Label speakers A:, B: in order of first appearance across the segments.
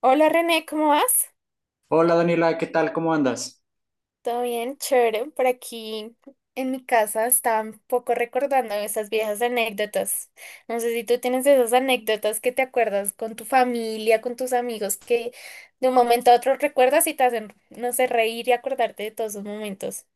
A: Hola René, ¿cómo vas?
B: Hola Daniela, ¿qué tal? ¿Cómo andas?
A: ¿Todo bien? Chévere. Por aquí en mi casa estaba un poco recordando esas viejas anécdotas. No sé si tú tienes esas anécdotas que te acuerdas con tu familia, con tus amigos, que de un momento a otro recuerdas y te hacen, no sé, reír y acordarte de todos esos momentos.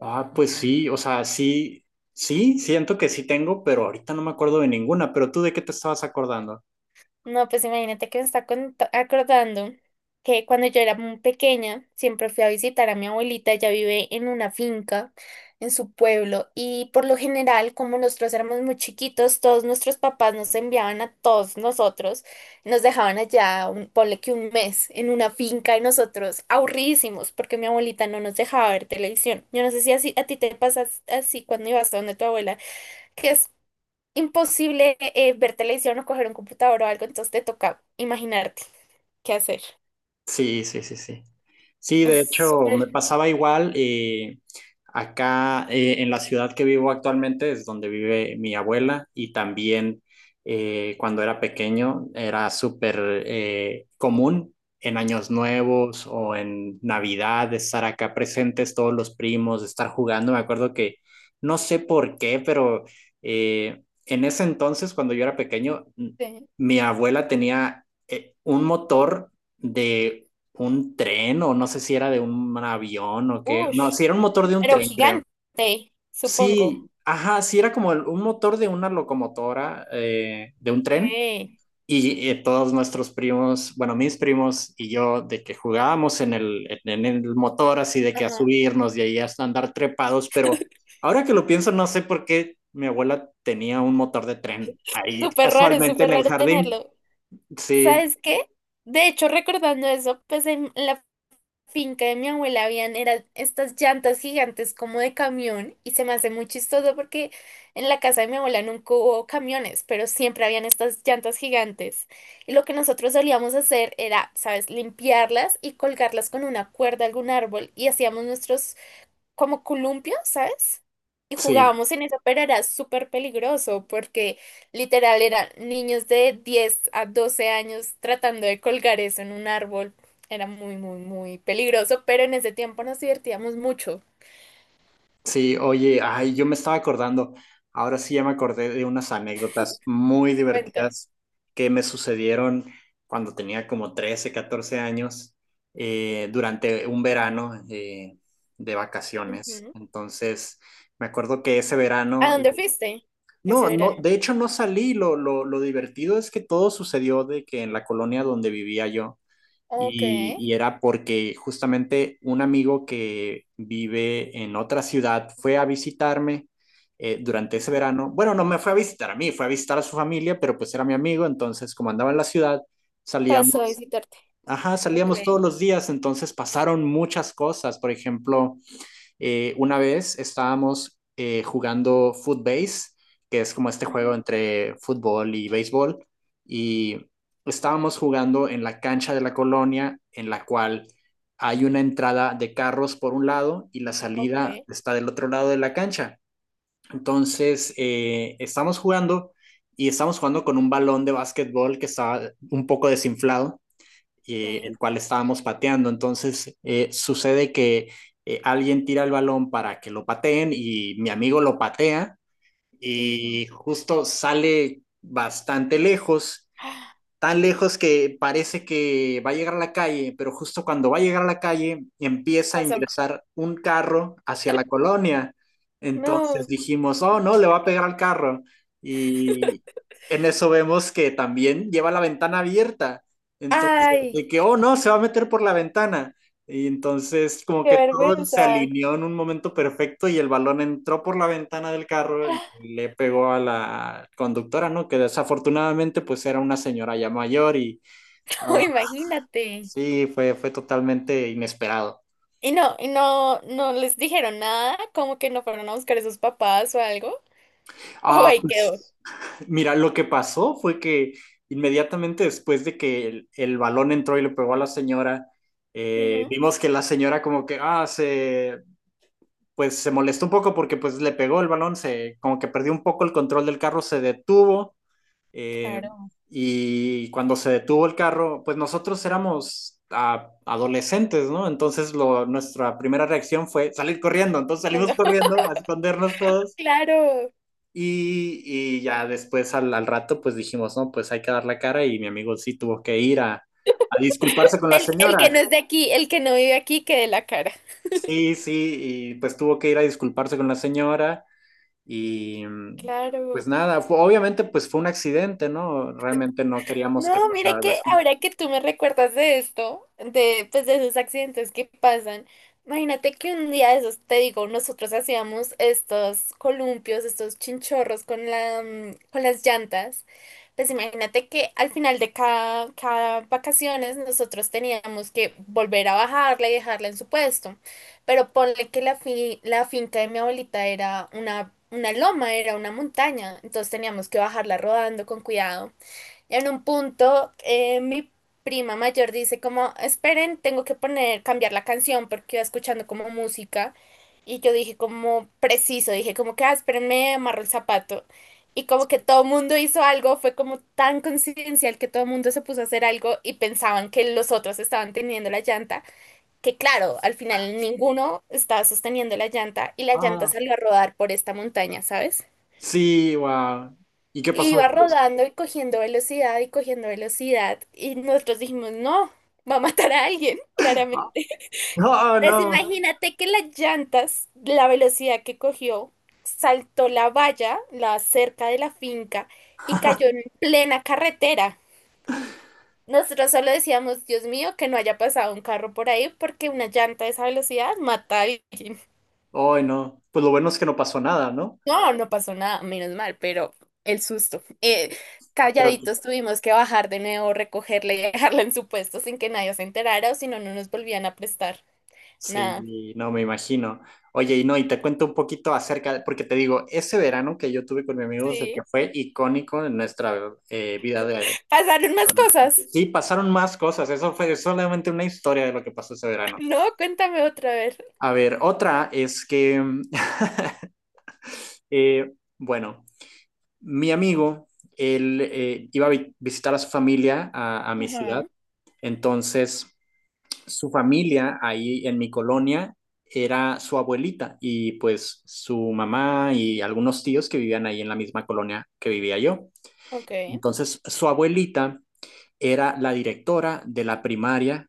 B: Ah, pues sí, o sea, sí, sí, siento que sí tengo, pero ahorita no me acuerdo de ninguna, pero tú ¿de qué te estabas acordando?
A: No, pues imagínate que me está acordando que cuando yo era muy pequeña, siempre fui a visitar a mi abuelita, ella vive en una finca, en su pueblo, y por lo general, como nosotros éramos muy chiquitos, todos nuestros papás nos enviaban a todos nosotros, nos dejaban allá, un, ponle que un mes, en una finca, y nosotros aburridísimos, porque mi abuelita no nos dejaba ver televisión. Yo no sé si así, a ti te pasas así cuando ibas a donde tu abuela, que es imposible ver televisión o coger un computador o algo, entonces te toca imaginarte qué hacer.
B: Sí, sí, sí, sí. Sí, de
A: Es
B: hecho, me
A: súper.
B: pasaba igual. Acá en la ciudad que vivo actualmente es donde vive mi abuela y también cuando era pequeño era súper común en años nuevos o en Navidad estar acá presentes todos los primos, estar jugando. Me acuerdo que no sé por qué, pero en ese entonces, cuando yo era pequeño,
A: Sí.
B: mi abuela tenía un motor de un tren o no sé si era de un avión o qué. No,
A: Ush,
B: sí era un motor de un
A: pero
B: tren, creo.
A: gigante, supongo.
B: Sí, ajá, sí era como un motor de una locomotora, de un tren.
A: Okay.
B: Y todos nuestros primos, bueno, mis primos y yo, de que jugábamos en el motor, así de que a
A: Ajá.
B: subirnos y ahí hasta andar trepados, pero ahora que lo pienso, no sé por qué mi abuela tenía un motor de tren ahí casualmente
A: Súper
B: en el
A: raro
B: jardín.
A: tenerlo.
B: Sí,
A: ¿Sabes qué? De hecho, recordando eso, pues en la finca de mi abuela habían eran estas llantas gigantes como de camión y se me hace muy chistoso porque en la casa de mi abuela nunca hubo camiones, pero siempre habían estas llantas gigantes. Y lo que nosotros solíamos hacer era, ¿sabes?, limpiarlas y colgarlas con una cuerda a algún árbol y hacíamos nuestros como columpio, ¿sabes? Y
B: sí.
A: jugábamos en eso, pero era súper peligroso porque literal eran niños de 10 a 12 años tratando de colgar eso en un árbol. Era muy, muy, muy peligroso, pero en ese tiempo nos divertíamos mucho.
B: Sí, oye, ay, yo me estaba acordando, ahora sí ya me acordé de unas anécdotas muy
A: Cuenta.
B: divertidas que me sucedieron cuando tenía como 13, 14 años, durante un verano de vacaciones.
A: Ujú.
B: Entonces, me acuerdo que ese
A: ¿A
B: verano,
A: dónde fuiste ese
B: no, no,
A: verano?
B: de hecho no salí, lo divertido es que todo sucedió de que en la colonia donde vivía yo,
A: Ok.
B: y era porque justamente un amigo que vive en otra ciudad fue a visitarme durante ese
A: Ujú.
B: verano. Bueno, no me fue a visitar a mí, fue a visitar a su familia, pero pues era mi amigo, entonces como andaba en la ciudad,
A: Pasó a
B: salíamos,
A: visitarte.
B: ajá,
A: Ok.
B: salíamos todos los días, entonces pasaron muchas cosas. Por ejemplo, una vez estábamos jugando Footbase, que es como este juego
A: Ujú.
B: entre fútbol y béisbol, y estábamos jugando en la cancha de la colonia, en la cual hay una entrada de carros por un lado y la salida
A: Ok.
B: está del otro lado de la cancha. Entonces, estamos jugando y estamos jugando con un balón de básquetbol que estaba un poco desinflado,
A: Sí.
B: el cual estábamos pateando. Entonces sucede que alguien tira el balón para que lo pateen y mi amigo lo patea
A: Ujú.
B: y justo sale bastante lejos,
A: Ah,
B: tan lejos que parece que va a llegar a la calle, pero justo cuando va a llegar a la calle empieza a
A: pasó un carro.
B: ingresar un carro hacia la colonia. Entonces
A: No.
B: dijimos, oh no, le va a pegar al carro. Y en eso vemos que también lleva la ventana abierta. Entonces,
A: Ay,
B: de que, oh no, se va a meter por la ventana. Y entonces como
A: qué
B: que todo se
A: vergüenza.
B: alineó en un momento perfecto y el balón entró por la ventana del carro y le pegó a la conductora, ¿no? Que desafortunadamente pues era una señora ya mayor y ah,
A: Imagínate.
B: sí, fue, fue totalmente inesperado.
A: Y no, no les dijeron nada, como que no fueron a buscar a sus papás o algo. O
B: Ah,
A: ahí quedó.
B: pues mira, lo que pasó fue que inmediatamente después de que el balón entró y le pegó a la señora,
A: Ujú,
B: vimos que la señora como que, ah, se, pues se molestó un poco porque pues le pegó el balón, se como que perdió un poco el control del carro, se detuvo, eh,
A: claro.
B: y cuando se detuvo el carro, pues nosotros éramos adolescentes, ¿no? Entonces lo, nuestra primera reacción fue salir corriendo, entonces salimos
A: Ando-
B: corriendo a escondernos todos
A: Claro.
B: y ya después rato pues dijimos, no, pues hay que dar la cara y mi amigo sí tuvo que ir a disculparse con la
A: El
B: señora,
A: que no es de aquí, el que no vive aquí, que de la cara.
B: sí, sí, y pues tuvo que ir a disculparse con la señora. Y pues
A: Claro.
B: nada, obviamente pues fue un accidente, ¿no? Realmente no queríamos que
A: No,
B: pasara
A: mire
B: algo
A: que
B: así.
A: ahora que tú me recuerdas de esto, de, pues de esos accidentes que pasan, imagínate que un día de esos, te digo, nosotros hacíamos estos columpios, estos chinchorros con la, con las llantas. Pues imagínate que al final de cada vacaciones nosotros teníamos que volver a bajarla y dejarla en su puesto. Pero ponle que la finca de mi abuelita era una loma, era una montaña. Entonces teníamos que bajarla rodando con cuidado. En un punto, mi prima mayor dice como, esperen, tengo que poner, cambiar la canción porque iba escuchando como música. Y yo dije como preciso, dije como que, ah, espérenme, amarro el zapato. Y como que todo el mundo hizo algo, fue como tan coincidencial que todo el mundo se puso a hacer algo y pensaban que los otros estaban teniendo la llanta, que claro, al final ninguno estaba sosteniendo la llanta y la llanta
B: Ah,
A: salió a rodar por esta montaña, ¿sabes?
B: sí, wow. ¿Y qué pasó
A: Iba
B: después?
A: rodando y cogiendo velocidad y cogiendo velocidad. Y nosotros dijimos, no, va a matar a alguien, claramente.
B: Ah, no,
A: Entonces
B: no.
A: imagínate que las llantas, la velocidad que cogió, saltó la valla, la cerca de la finca, y cayó en plena carretera. Nosotros solo decíamos, Dios mío, que no haya pasado un carro por ahí, porque una llanta a esa velocidad mata a alguien.
B: Ay, no. Pues lo bueno es que no pasó nada, ¿no?
A: No, no pasó nada, menos mal, pero el susto. Eh,
B: Pero que-
A: calladitos tuvimos que bajar de nuevo, recogerla y dejarla en su puesto sin que nadie se enterara o si no, no nos volvían a prestar nada.
B: sí, no me imagino. Oye, y no, y te cuento un poquito porque te digo, ese verano que yo tuve con mi amigo, es el que
A: Sí.
B: fue icónico en nuestra vida de...
A: Pasaron más cosas.
B: Sí, pasaron más cosas, eso fue solamente una historia de lo que pasó ese verano.
A: No, cuéntame otra vez.
B: A ver, otra es que, eh, bueno, mi amigo, él iba a visitar a su familia a mi ciudad,
A: Ajá,
B: entonces su familia ahí en mi colonia era su abuelita y pues su mamá y algunos tíos que vivían ahí en la misma colonia que vivía yo.
A: ok,
B: Entonces su abuelita era la directora de la primaria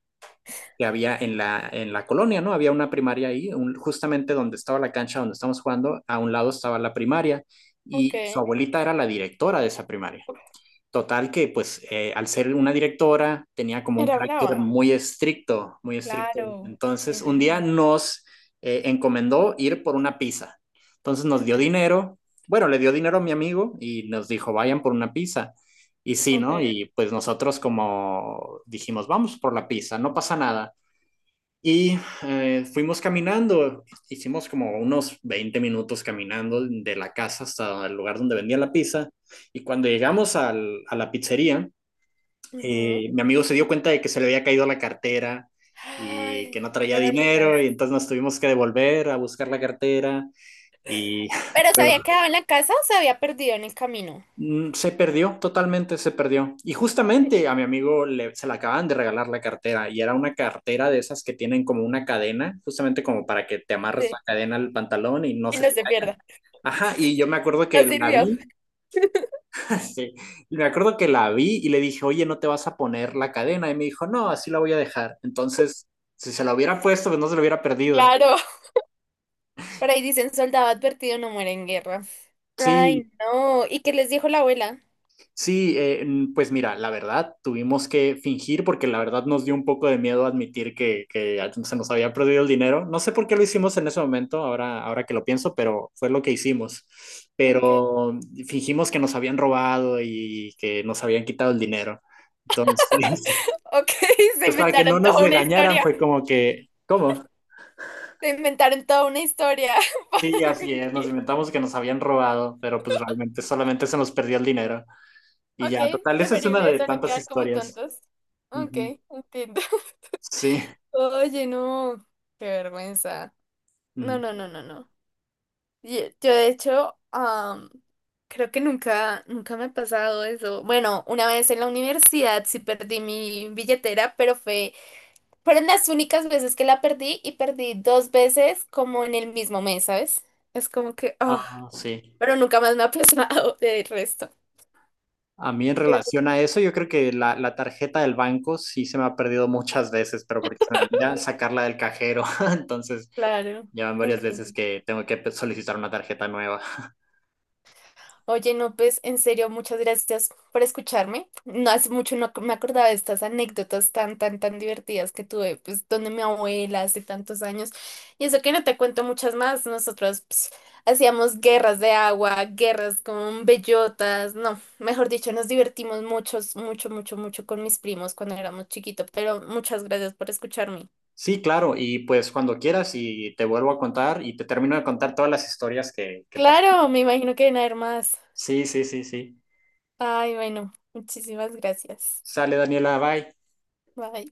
B: que había en la colonia, ¿no? Había una primaria ahí, justamente donde estaba la cancha donde estamos jugando, a un lado estaba la primaria y su
A: ok.
B: abuelita era la directora de esa primaria. Total que pues al ser una directora tenía como un
A: Era
B: carácter
A: brava.
B: muy estricto, muy estricto.
A: Claro, me
B: Entonces un día
A: imagino.
B: nos encomendó ir por una pizza. Entonces nos dio
A: Ujú,
B: dinero, bueno, le dio dinero a mi amigo y nos dijo, vayan por una pizza. Y sí,
A: ok,
B: ¿no? Y pues nosotros como dijimos, vamos por la pizza, no pasa nada. Y fuimos caminando, hicimos como unos 20 minutos caminando de la casa hasta el lugar donde vendía la pizza. Y cuando llegamos a la pizzería,
A: ujú.
B: mi amigo se dio cuenta de que se le había caído la cartera y
A: Ay,
B: que no traía
A: no
B: dinero
A: digas.
B: y entonces nos tuvimos que devolver a buscar la cartera y
A: ¿Pero se
B: pero
A: había quedado en la casa o se había perdido en el camino?
B: mm, se perdió, totalmente se perdió. Y justamente a mi amigo le, se le acaban de regalar la cartera y era una cartera de esas que tienen como una cadena, justamente como para que te amarres la
A: Sí,
B: cadena al pantalón y no
A: y
B: se
A: no
B: te
A: se
B: caiga.
A: pierda.
B: Ajá, y yo me acuerdo que
A: No
B: la
A: sirvió.
B: vi, sí, y me acuerdo que la vi y le dije, oye, ¿no te vas a poner la cadena? Y me dijo, no, así la voy a dejar. Entonces, si se la hubiera puesto, pues no se la hubiera perdido.
A: Claro. Por ahí dicen, soldado advertido no muere en guerra.
B: Sí,
A: Ay, no, ¿y qué les dijo la abuela?
B: sí, pues mira, la verdad, tuvimos que fingir porque la verdad nos dio un poco de miedo admitir que se nos había perdido el dinero. No sé por qué lo hicimos en ese momento, ahora, ahora que lo pienso, pero fue lo que hicimos.
A: Ok,
B: Pero fingimos que nos habían robado y que nos habían quitado el dinero. Entonces,
A: ok, se
B: pues para que no
A: inventaron
B: nos
A: toda una
B: regañaran
A: historia.
B: fue como que, ¿cómo?
A: Se inventaron toda una historia para
B: Sí, así es, nos
A: fingir.
B: inventamos que nos habían robado, pero pues realmente solamente se nos perdió el dinero. Y
A: Ok,
B: ya, total, esa es una
A: preferible
B: de
A: eso, no
B: tantas
A: quedar como
B: historias.
A: tontos. Ok,
B: Ujú.
A: entiendo.
B: Sí.
A: Oye, no, qué vergüenza.
B: Mm.
A: No, no, no, no, no. Yo, de hecho, creo que nunca, nunca me ha pasado eso. Bueno, una vez en la universidad sí perdí mi billetera, pero Fueron las únicas veces que la perdí y perdí dos veces como en el mismo mes, ¿sabes? Es como que, ah,
B: Ah, sí.
A: pero nunca más me ha pasado de resto.
B: A mí en relación a eso, yo creo que la tarjeta del banco sí se me ha perdido muchas veces, pero porque se me olvida sacarla del cajero. Entonces,
A: Claro,
B: ya van varias veces
A: entiendo.
B: que tengo que solicitar una tarjeta nueva.
A: Oye, no, pues en serio, muchas gracias por escucharme. No hace mucho no me acordaba de estas anécdotas tan, tan, tan divertidas que tuve, pues, donde mi abuela hace tantos años. Y eso que no te cuento muchas más. Nosotros pues, hacíamos guerras de agua, guerras con bellotas. No, mejor dicho, nos divertimos mucho, mucho, mucho, mucho con mis primos cuando éramos chiquitos. Pero muchas gracias por escucharme.
B: Sí, claro, y pues cuando quieras y te vuelvo a contar y te termino de contar todas las historias que pasan.
A: Claro, me imagino que van a haber más.
B: Sí, sí, sí, sí.
A: Ay, bueno, muchísimas gracias.
B: Sale Daniela, bye.
A: Bye.